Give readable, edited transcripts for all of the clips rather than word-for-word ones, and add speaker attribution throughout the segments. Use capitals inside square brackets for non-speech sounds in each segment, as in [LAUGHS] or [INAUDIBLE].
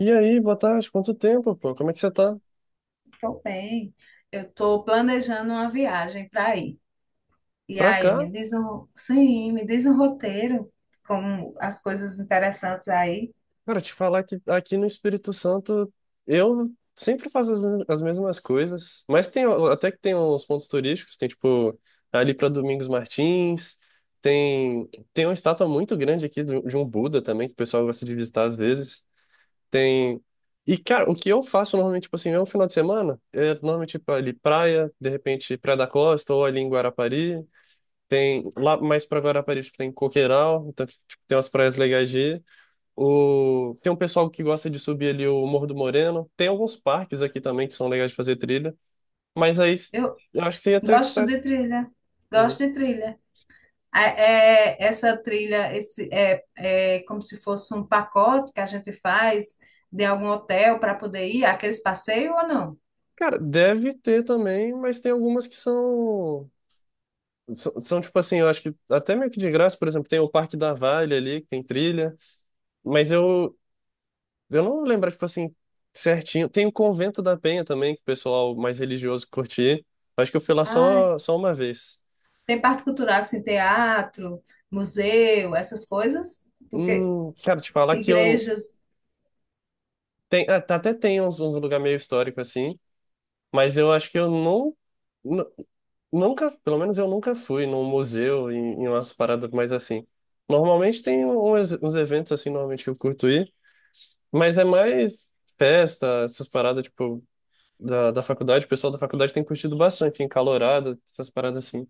Speaker 1: E aí, boa tarde, quanto tempo, pô? Como é que você tá?
Speaker 2: Tô bem. Eu tô planejando uma viagem para ir. E
Speaker 1: Pra
Speaker 2: aí,
Speaker 1: cá?
Speaker 2: sim, me diz um roteiro com as coisas interessantes aí.
Speaker 1: Cara, te falar que aqui no Espírito Santo eu sempre faço as mesmas coisas, mas tem até que tem uns pontos turísticos, tem tipo ali pra Domingos Martins, tem uma estátua muito grande aqui de um Buda também, que o pessoal gosta de visitar às vezes. Tem. E cara, o que eu faço normalmente, tipo assim, é um final de semana, é normalmente tipo, ali praia, de repente Praia da Costa ou ali em Guarapari. Tem lá mais pra Guarapari, tipo, tem Coqueiral, então, tipo, tem umas praias legais de ir. Tem um pessoal que gosta de subir ali o Morro do Moreno. Tem alguns parques aqui também que são legais de fazer trilha. Mas aí
Speaker 2: Eu
Speaker 1: eu acho que você ia ter que
Speaker 2: gosto
Speaker 1: tá.
Speaker 2: de trilha.
Speaker 1: Uhum.
Speaker 2: Gosto de trilha. Essa trilha, esse é como se fosse um pacote que a gente faz de algum hotel para poder ir, aqueles passeios ou não?
Speaker 1: Cara, deve ter também, mas tem algumas que são. São, tipo assim, eu acho que até meio que de graça, por exemplo, tem o Parque da Vale ali, que tem trilha, mas eu não vou lembrar, tipo assim, certinho. Tem o Convento da Penha também, que o pessoal mais religioso curtia. Acho que eu fui lá
Speaker 2: Ah,
Speaker 1: só uma vez.
Speaker 2: tem parte cultural, assim, teatro, museu, essas coisas, porque
Speaker 1: Cara, te falar que eu.
Speaker 2: igrejas.
Speaker 1: Tem, ah, até tem uns lugar meio histórico assim, mas eu acho que eu não. nu- Nunca, pelo menos eu nunca fui num museu, em, em umas paradas mais assim. Normalmente tem uns eventos assim, normalmente que eu curto ir, mas é mais festa, essas paradas, tipo. Da faculdade, o pessoal da faculdade tem curtido bastante, encalorada, essas paradas assim.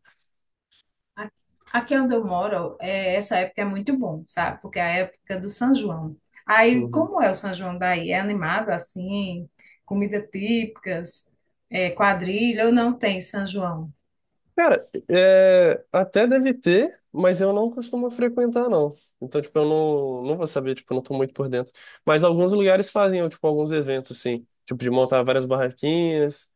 Speaker 2: A- Aqui onde eu moro, essa época é muito bom, sabe? Porque é a época do São João. Aí,
Speaker 1: Uhum.
Speaker 2: como é o São João daí? É animado assim? Comida típicas, quadrilha, ou não tem São João?
Speaker 1: Cara, é, até deve ter, mas eu não costumo frequentar, não. Então, tipo, eu não, não vou saber, tipo, eu não tô muito por dentro. Mas alguns lugares fazem, tipo, alguns eventos, assim, tipo, de montar várias barraquinhas,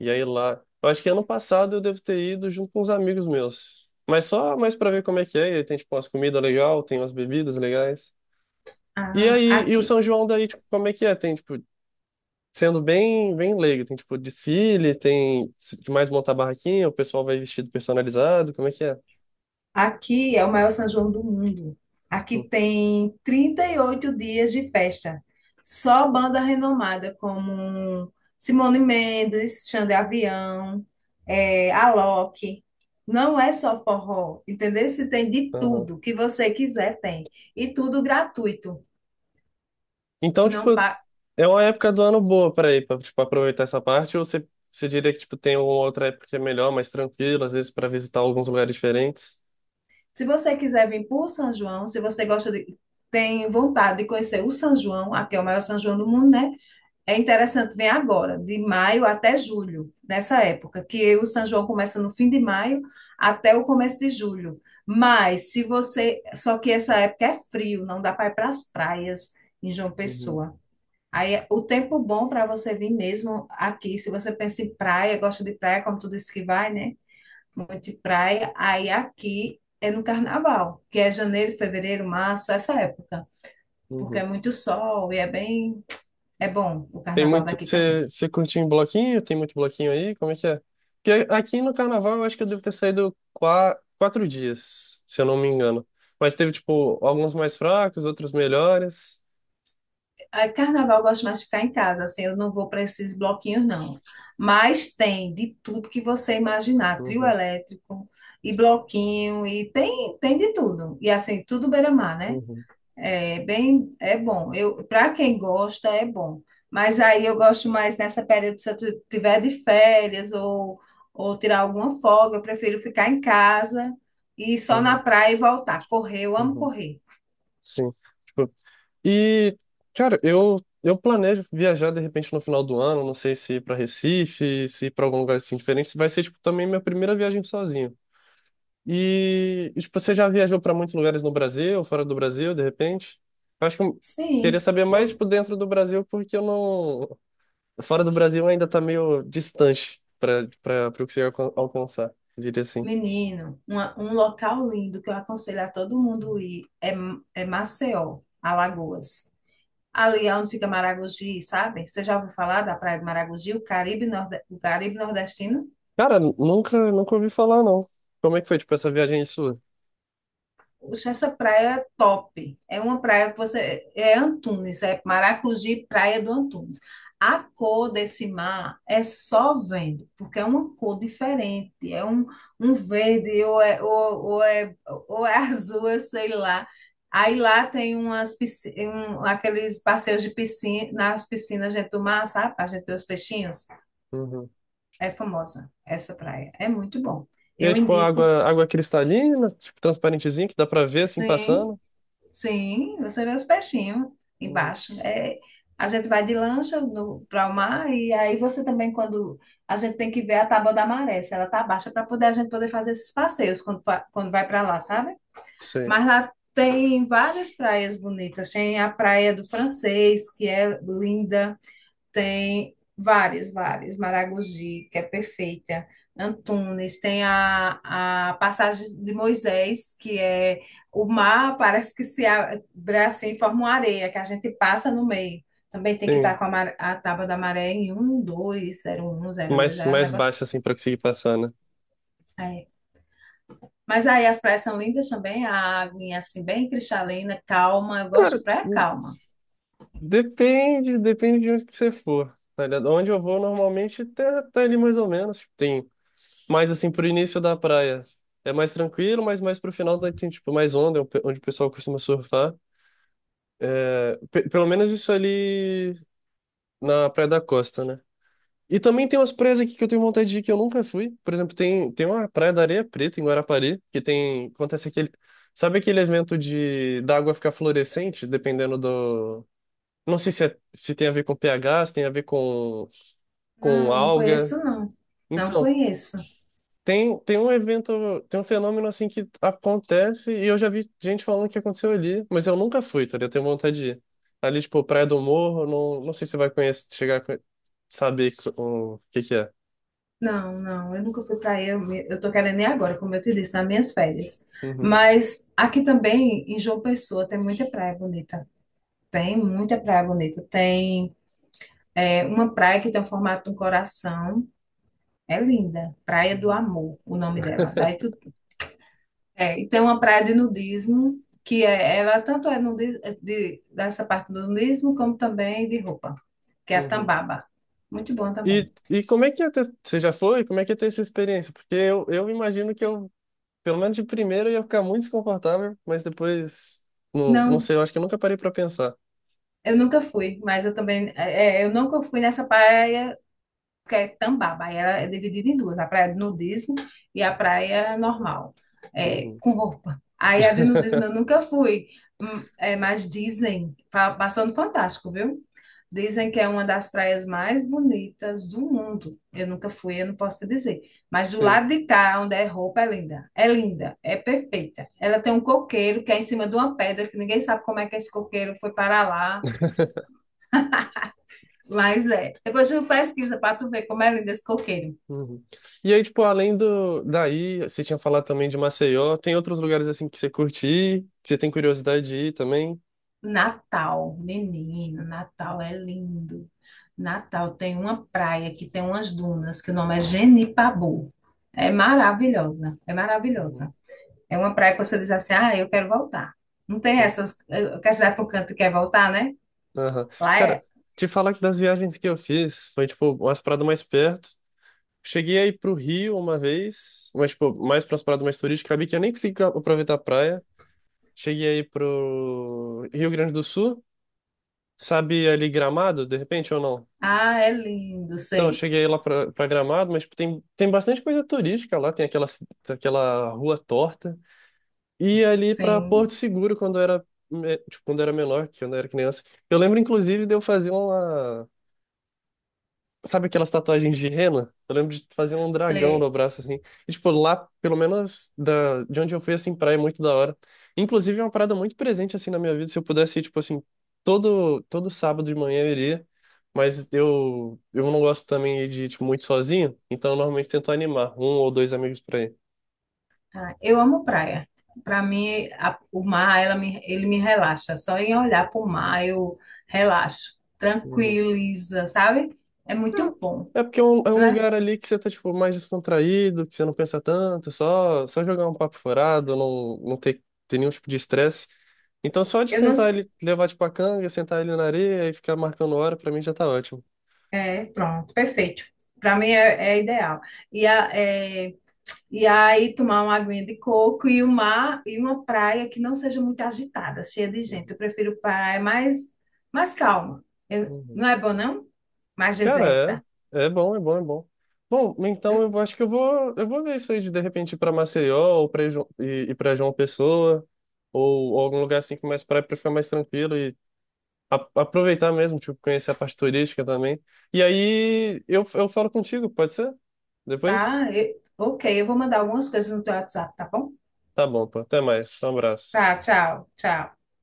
Speaker 1: e aí lá. Eu acho que ano passado eu devo ter ido junto com uns amigos meus. Mas só mais pra ver como é que é. E aí tem, tipo, umas comidas legais, tem umas bebidas legais. E
Speaker 2: Ah,
Speaker 1: aí, e o
Speaker 2: aqui,
Speaker 1: São João daí, tipo, como é que é? Tem, tipo, sendo bem, bem leigo. Tem tipo desfile, tem se- de mais montar barraquinha, o pessoal vai vestido personalizado, como é que é?
Speaker 2: Aqui é o maior São João do mundo. Aqui
Speaker 1: Hum,
Speaker 2: tem 38 dias de festa. Só banda renomada como Simone Mendes, Xande Avião, Alok. Não é só forró, entendeu? Se tem de
Speaker 1: aham.
Speaker 2: tudo que você quiser, tem. E tudo gratuito.
Speaker 1: Então,
Speaker 2: Não
Speaker 1: tipo,
Speaker 2: pa...
Speaker 1: é uma época do ano boa para ir, para tipo aproveitar essa parte, ou você diria que tipo tem uma outra época que é melhor, mais tranquila, às vezes para visitar alguns lugares diferentes?
Speaker 2: Se você quiser vir para o São João, se você gosta de... tem vontade de conhecer o São João, aqui é o maior São João do mundo, né? É interessante, vem agora, de maio até julho, nessa época, que o São João começa no fim de maio até o começo de julho. Mas se você. Só que essa época é frio, não dá para ir para as praias em João
Speaker 1: Uhum,
Speaker 2: Pessoa. Aí é o tempo bom para você vir mesmo aqui, se você pensa em praia, gosta de praia, como tu disse que vai, né? Muito de praia. Aí aqui é no carnaval, que é janeiro, fevereiro, março, essa época, porque é
Speaker 1: uhum.
Speaker 2: muito sol e é bem. É bom o
Speaker 1: Tem
Speaker 2: carnaval
Speaker 1: muito.
Speaker 2: daqui também.
Speaker 1: Você curtiu em bloquinho? Tem muito bloquinho aí? Como é que é? Porque aqui no carnaval eu acho que eu devo ter saído quatro dias, se eu não me engano. Mas teve, tipo, alguns mais fracos, outros melhores.
Speaker 2: Ah, Carnaval eu gosto mais de ficar em casa, assim, eu não vou para esses bloquinhos, não. Mas tem de tudo que você imaginar, trio
Speaker 1: Uhum,
Speaker 2: elétrico e bloquinho, e tem de tudo. E assim, tudo beira-mar, né?
Speaker 1: uhum,
Speaker 2: É bem, é bom. Eu, para quem gosta, é bom. Mas aí eu gosto mais nessa período, se eu tiver de férias ou tirar alguma folga, eu prefiro ficar em casa e ir só na
Speaker 1: uhum,
Speaker 2: praia e voltar. Correr, eu amo
Speaker 1: uhum.
Speaker 2: correr.
Speaker 1: Sim. Tipo, e, cara, eu planejo viajar de repente no final do ano. Não sei se ir pra Recife, se ir pra algum lugar assim diferente. Vai ser, tipo, também minha primeira viagem sozinho. E tipo, você já viajou para muitos lugares no Brasil, fora do Brasil, de repente? Eu acho que eu queria
Speaker 2: Sim.
Speaker 1: saber mais
Speaker 2: Eu
Speaker 1: tipo, dentro do Brasil, porque eu não. Fora do Brasil ainda tá meio distante para o que você ia alcançar, eu diria assim.
Speaker 2: Menino, um local lindo que eu aconselho a todo mundo ir é Maceió, Alagoas. Ali é onde fica Maragogi, sabe? Você já ouviu falar da Praia de Maragogi, o Caribe, o Caribe nordestino?
Speaker 1: Cara, nunca ouvi falar, não. Como é que foi, tipo, essa viagem aí sua?
Speaker 2: Poxa, essa praia é top. É uma praia que você. É Antunes, é Maracujá, Praia do Antunes. A cor desse mar é só vendo, porque é uma cor diferente. É um verde, ou é [LAUGHS] azul, eu sei lá. Aí lá tem aqueles passeios de piscina, nas piscinas dentro do mar, sabe? Para a gente ver os peixinhos.
Speaker 1: Uhum.
Speaker 2: É famosa essa praia. É muito bom.
Speaker 1: E é
Speaker 2: Eu
Speaker 1: tipo
Speaker 2: indico,
Speaker 1: água cristalina, tipo, transparentezinha, que dá pra ver assim
Speaker 2: sim.
Speaker 1: passando?
Speaker 2: Sim, você vê os peixinhos
Speaker 1: Uhum.
Speaker 2: embaixo. A gente vai de lancha para o mar e aí você também, quando a gente tem que ver a tábua da maré, se ela tá baixa, para poder a gente poder fazer esses passeios quando vai para lá, sabe?
Speaker 1: Sei.
Speaker 2: Mas lá tem várias praias bonitas. Tem a Praia do Francês, que é linda. Tem vários, vários. Maragogi, que é perfeita. Antunes, tem a passagem de Moisés, que é o mar, parece que se abre assim, forma uma areia, que a gente passa no meio. Também tem que
Speaker 1: Tem
Speaker 2: estar com a tábua da maré em 120102, é um
Speaker 1: mais
Speaker 2: negócio
Speaker 1: baixo
Speaker 2: assim.
Speaker 1: assim pra conseguir passar, né?
Speaker 2: É. Mas aí as praias são lindas também, a água assim, bem cristalina, calma. Eu
Speaker 1: Cara,
Speaker 2: gosto de praia calma.
Speaker 1: depende, depende de onde que você for. Tá ligado? Onde eu vou normalmente tá, tá ali mais ou menos. Tem mais assim pro início da praia. É mais tranquilo, mas mais pro final daí tem tipo mais onda, onde o pessoal costuma surfar. Pelo menos isso ali na Praia da Costa, né? E também tem umas praias aqui que eu tenho vontade de ir que eu nunca fui. Por exemplo, tem uma praia da Areia Preta em Guarapari, que tem, acontece aquele, sabe aquele evento de da água ficar fluorescente, dependendo do, não sei se, se tem a ver com pH, se tem a ver com
Speaker 2: Não, não
Speaker 1: alga.
Speaker 2: conheço, não. Não
Speaker 1: Então,
Speaker 2: conheço.
Speaker 1: tem um evento, tem um fenômeno assim que acontece e eu já vi gente falando que aconteceu ali, mas eu nunca fui, tá ligado? Eu tenho vontade de ir. Ali, tipo, Praia do Morro, não sei se você vai conhecer, chegar a saber co- o que que é.
Speaker 2: Não, não, eu nunca fui eu tô querendo ir agora, como eu te disse, nas minhas férias.
Speaker 1: Uhum,
Speaker 2: Mas aqui também, em João Pessoa, tem muita praia bonita. Tem muita praia bonita. Tem uma praia que tem o formato de um coração. É linda. Praia do
Speaker 1: uhum,
Speaker 2: Amor, o nome dela. E tem uma praia de nudismo, ela tanto é de, dessa parte do nudismo, como também de roupa, que é a
Speaker 1: uhum.
Speaker 2: Tambaba. Muito bom
Speaker 1: E,
Speaker 2: também.
Speaker 1: e como é que ia ter, você já foi? Como é que ia ter essa experiência? Porque eu imagino que eu, pelo menos de primeira, eu ia ficar muito desconfortável, mas depois, não
Speaker 2: Não,
Speaker 1: sei, eu acho que eu nunca parei pra pensar.
Speaker 2: eu nunca fui, mas eu também, eu nunca fui nessa praia que é Tambaba. Aí ela é dividida em duas, a praia de nudismo e a praia normal,
Speaker 1: Uhum.
Speaker 2: com roupa. Aí a de nudismo eu
Speaker 1: [LAUGHS]
Speaker 2: nunca fui, mas dizem, passou no Fantástico, viu? Dizem que é uma das praias mais bonitas do mundo. Eu nunca fui, eu não posso te dizer. Mas do
Speaker 1: Sim.
Speaker 2: lado de cá, onde é roupa, é linda. É linda, é perfeita. Ela tem um coqueiro que é em cima de uma pedra, que ninguém sabe como é que esse coqueiro foi para lá, mas é. Depois tu pesquisa para tu ver como é lindo esse coqueiro.
Speaker 1: Uhum. E aí, tipo, além do daí, você tinha falado também de Maceió, tem outros lugares assim que você curte ir, que você tem curiosidade de ir também?
Speaker 2: Natal, menino, Natal é lindo. Natal tem uma praia que tem umas dunas, que o nome é Genipabu. É maravilhosa, é
Speaker 1: Uhum,
Speaker 2: maravilhosa. É uma praia que você diz assim, ah, eu quero voltar. Não tem
Speaker 1: sim.
Speaker 2: essas, eu quero cidade para canto quer voltar, né?
Speaker 1: Aham.
Speaker 2: Lá é.
Speaker 1: Cara, te falar que das viagens que eu fiz, foi tipo umas paradas mais perto. Cheguei aí pro Rio uma vez, mas tipo, mais para umas paradas mais turísticas, acabei que eu nem consegui aproveitar a praia. Cheguei aí pro Rio Grande do Sul, sabe ali Gramado, de repente ou não?
Speaker 2: Ah, é lindo,
Speaker 1: Então, eu
Speaker 2: sei.
Speaker 1: cheguei lá pra Gramado, mas tipo, tem bastante coisa turística lá, tem aquela rua torta. E ali pra Porto
Speaker 2: Sim,
Speaker 1: Seguro, quando eu era, tipo, quando eu era menor, que quando eu era criança. Eu lembro, inclusive, de eu fazer uma. Sabe aquelas tatuagens de rena? Eu lembro de fazer um dragão no
Speaker 2: sei.
Speaker 1: braço, assim. E, tipo, lá, pelo menos de onde eu fui, assim, praia é muito da hora. Inclusive, é uma parada muito presente, assim, na minha vida. Se eu pudesse ir, tipo, assim, todo sábado de manhã eu iria. Mas eu não gosto também de ir, tipo, muito sozinho. Então, eu normalmente tento animar um ou dois amigos pra ir.
Speaker 2: Ah, eu amo praia. Para mim, o mar, ele me relaxa. Só em olhar para o mar eu relaxo,
Speaker 1: Uhum.
Speaker 2: tranquiliza, sabe? É
Speaker 1: É
Speaker 2: muito bom,
Speaker 1: É porque é é um
Speaker 2: né?
Speaker 1: lugar ali que você tá, tipo, mais descontraído, que você não pensa tanto, só jogar um papo furado, não ter, ter nenhum tipo de estresse. Então, só de
Speaker 2: Eu não,
Speaker 1: sentar ele, levar, tipo, a canga, sentar ele na areia e ficar marcando hora, pra mim já tá ótimo.
Speaker 2: pronto, perfeito. Para mim é ideal. E, a, é, e aí tomar uma aguinha de coco e o mar e uma praia que não seja muito agitada, cheia de
Speaker 1: Uhum,
Speaker 2: gente. Eu prefiro praia mais calma.
Speaker 1: uhum.
Speaker 2: Não é bom, não? Mais
Speaker 1: Cara,
Speaker 2: deserta.
Speaker 1: é, é bom, é bom, é bom. Bom, então eu acho que eu vou ver isso aí de repente, ir pra Maceió ou e pra João Pessoa, ou algum lugar assim que mais praia para ficar mais tranquilo aproveitar mesmo, tipo, conhecer a parte turística também. E aí eu falo contigo, pode ser? Depois?
Speaker 2: Tá? Ok, eu vou mandar algumas coisas no teu WhatsApp, tá bom?
Speaker 1: Tá bom, pô. Até mais. Um
Speaker 2: Tá,
Speaker 1: abraço.
Speaker 2: tchau, tchau.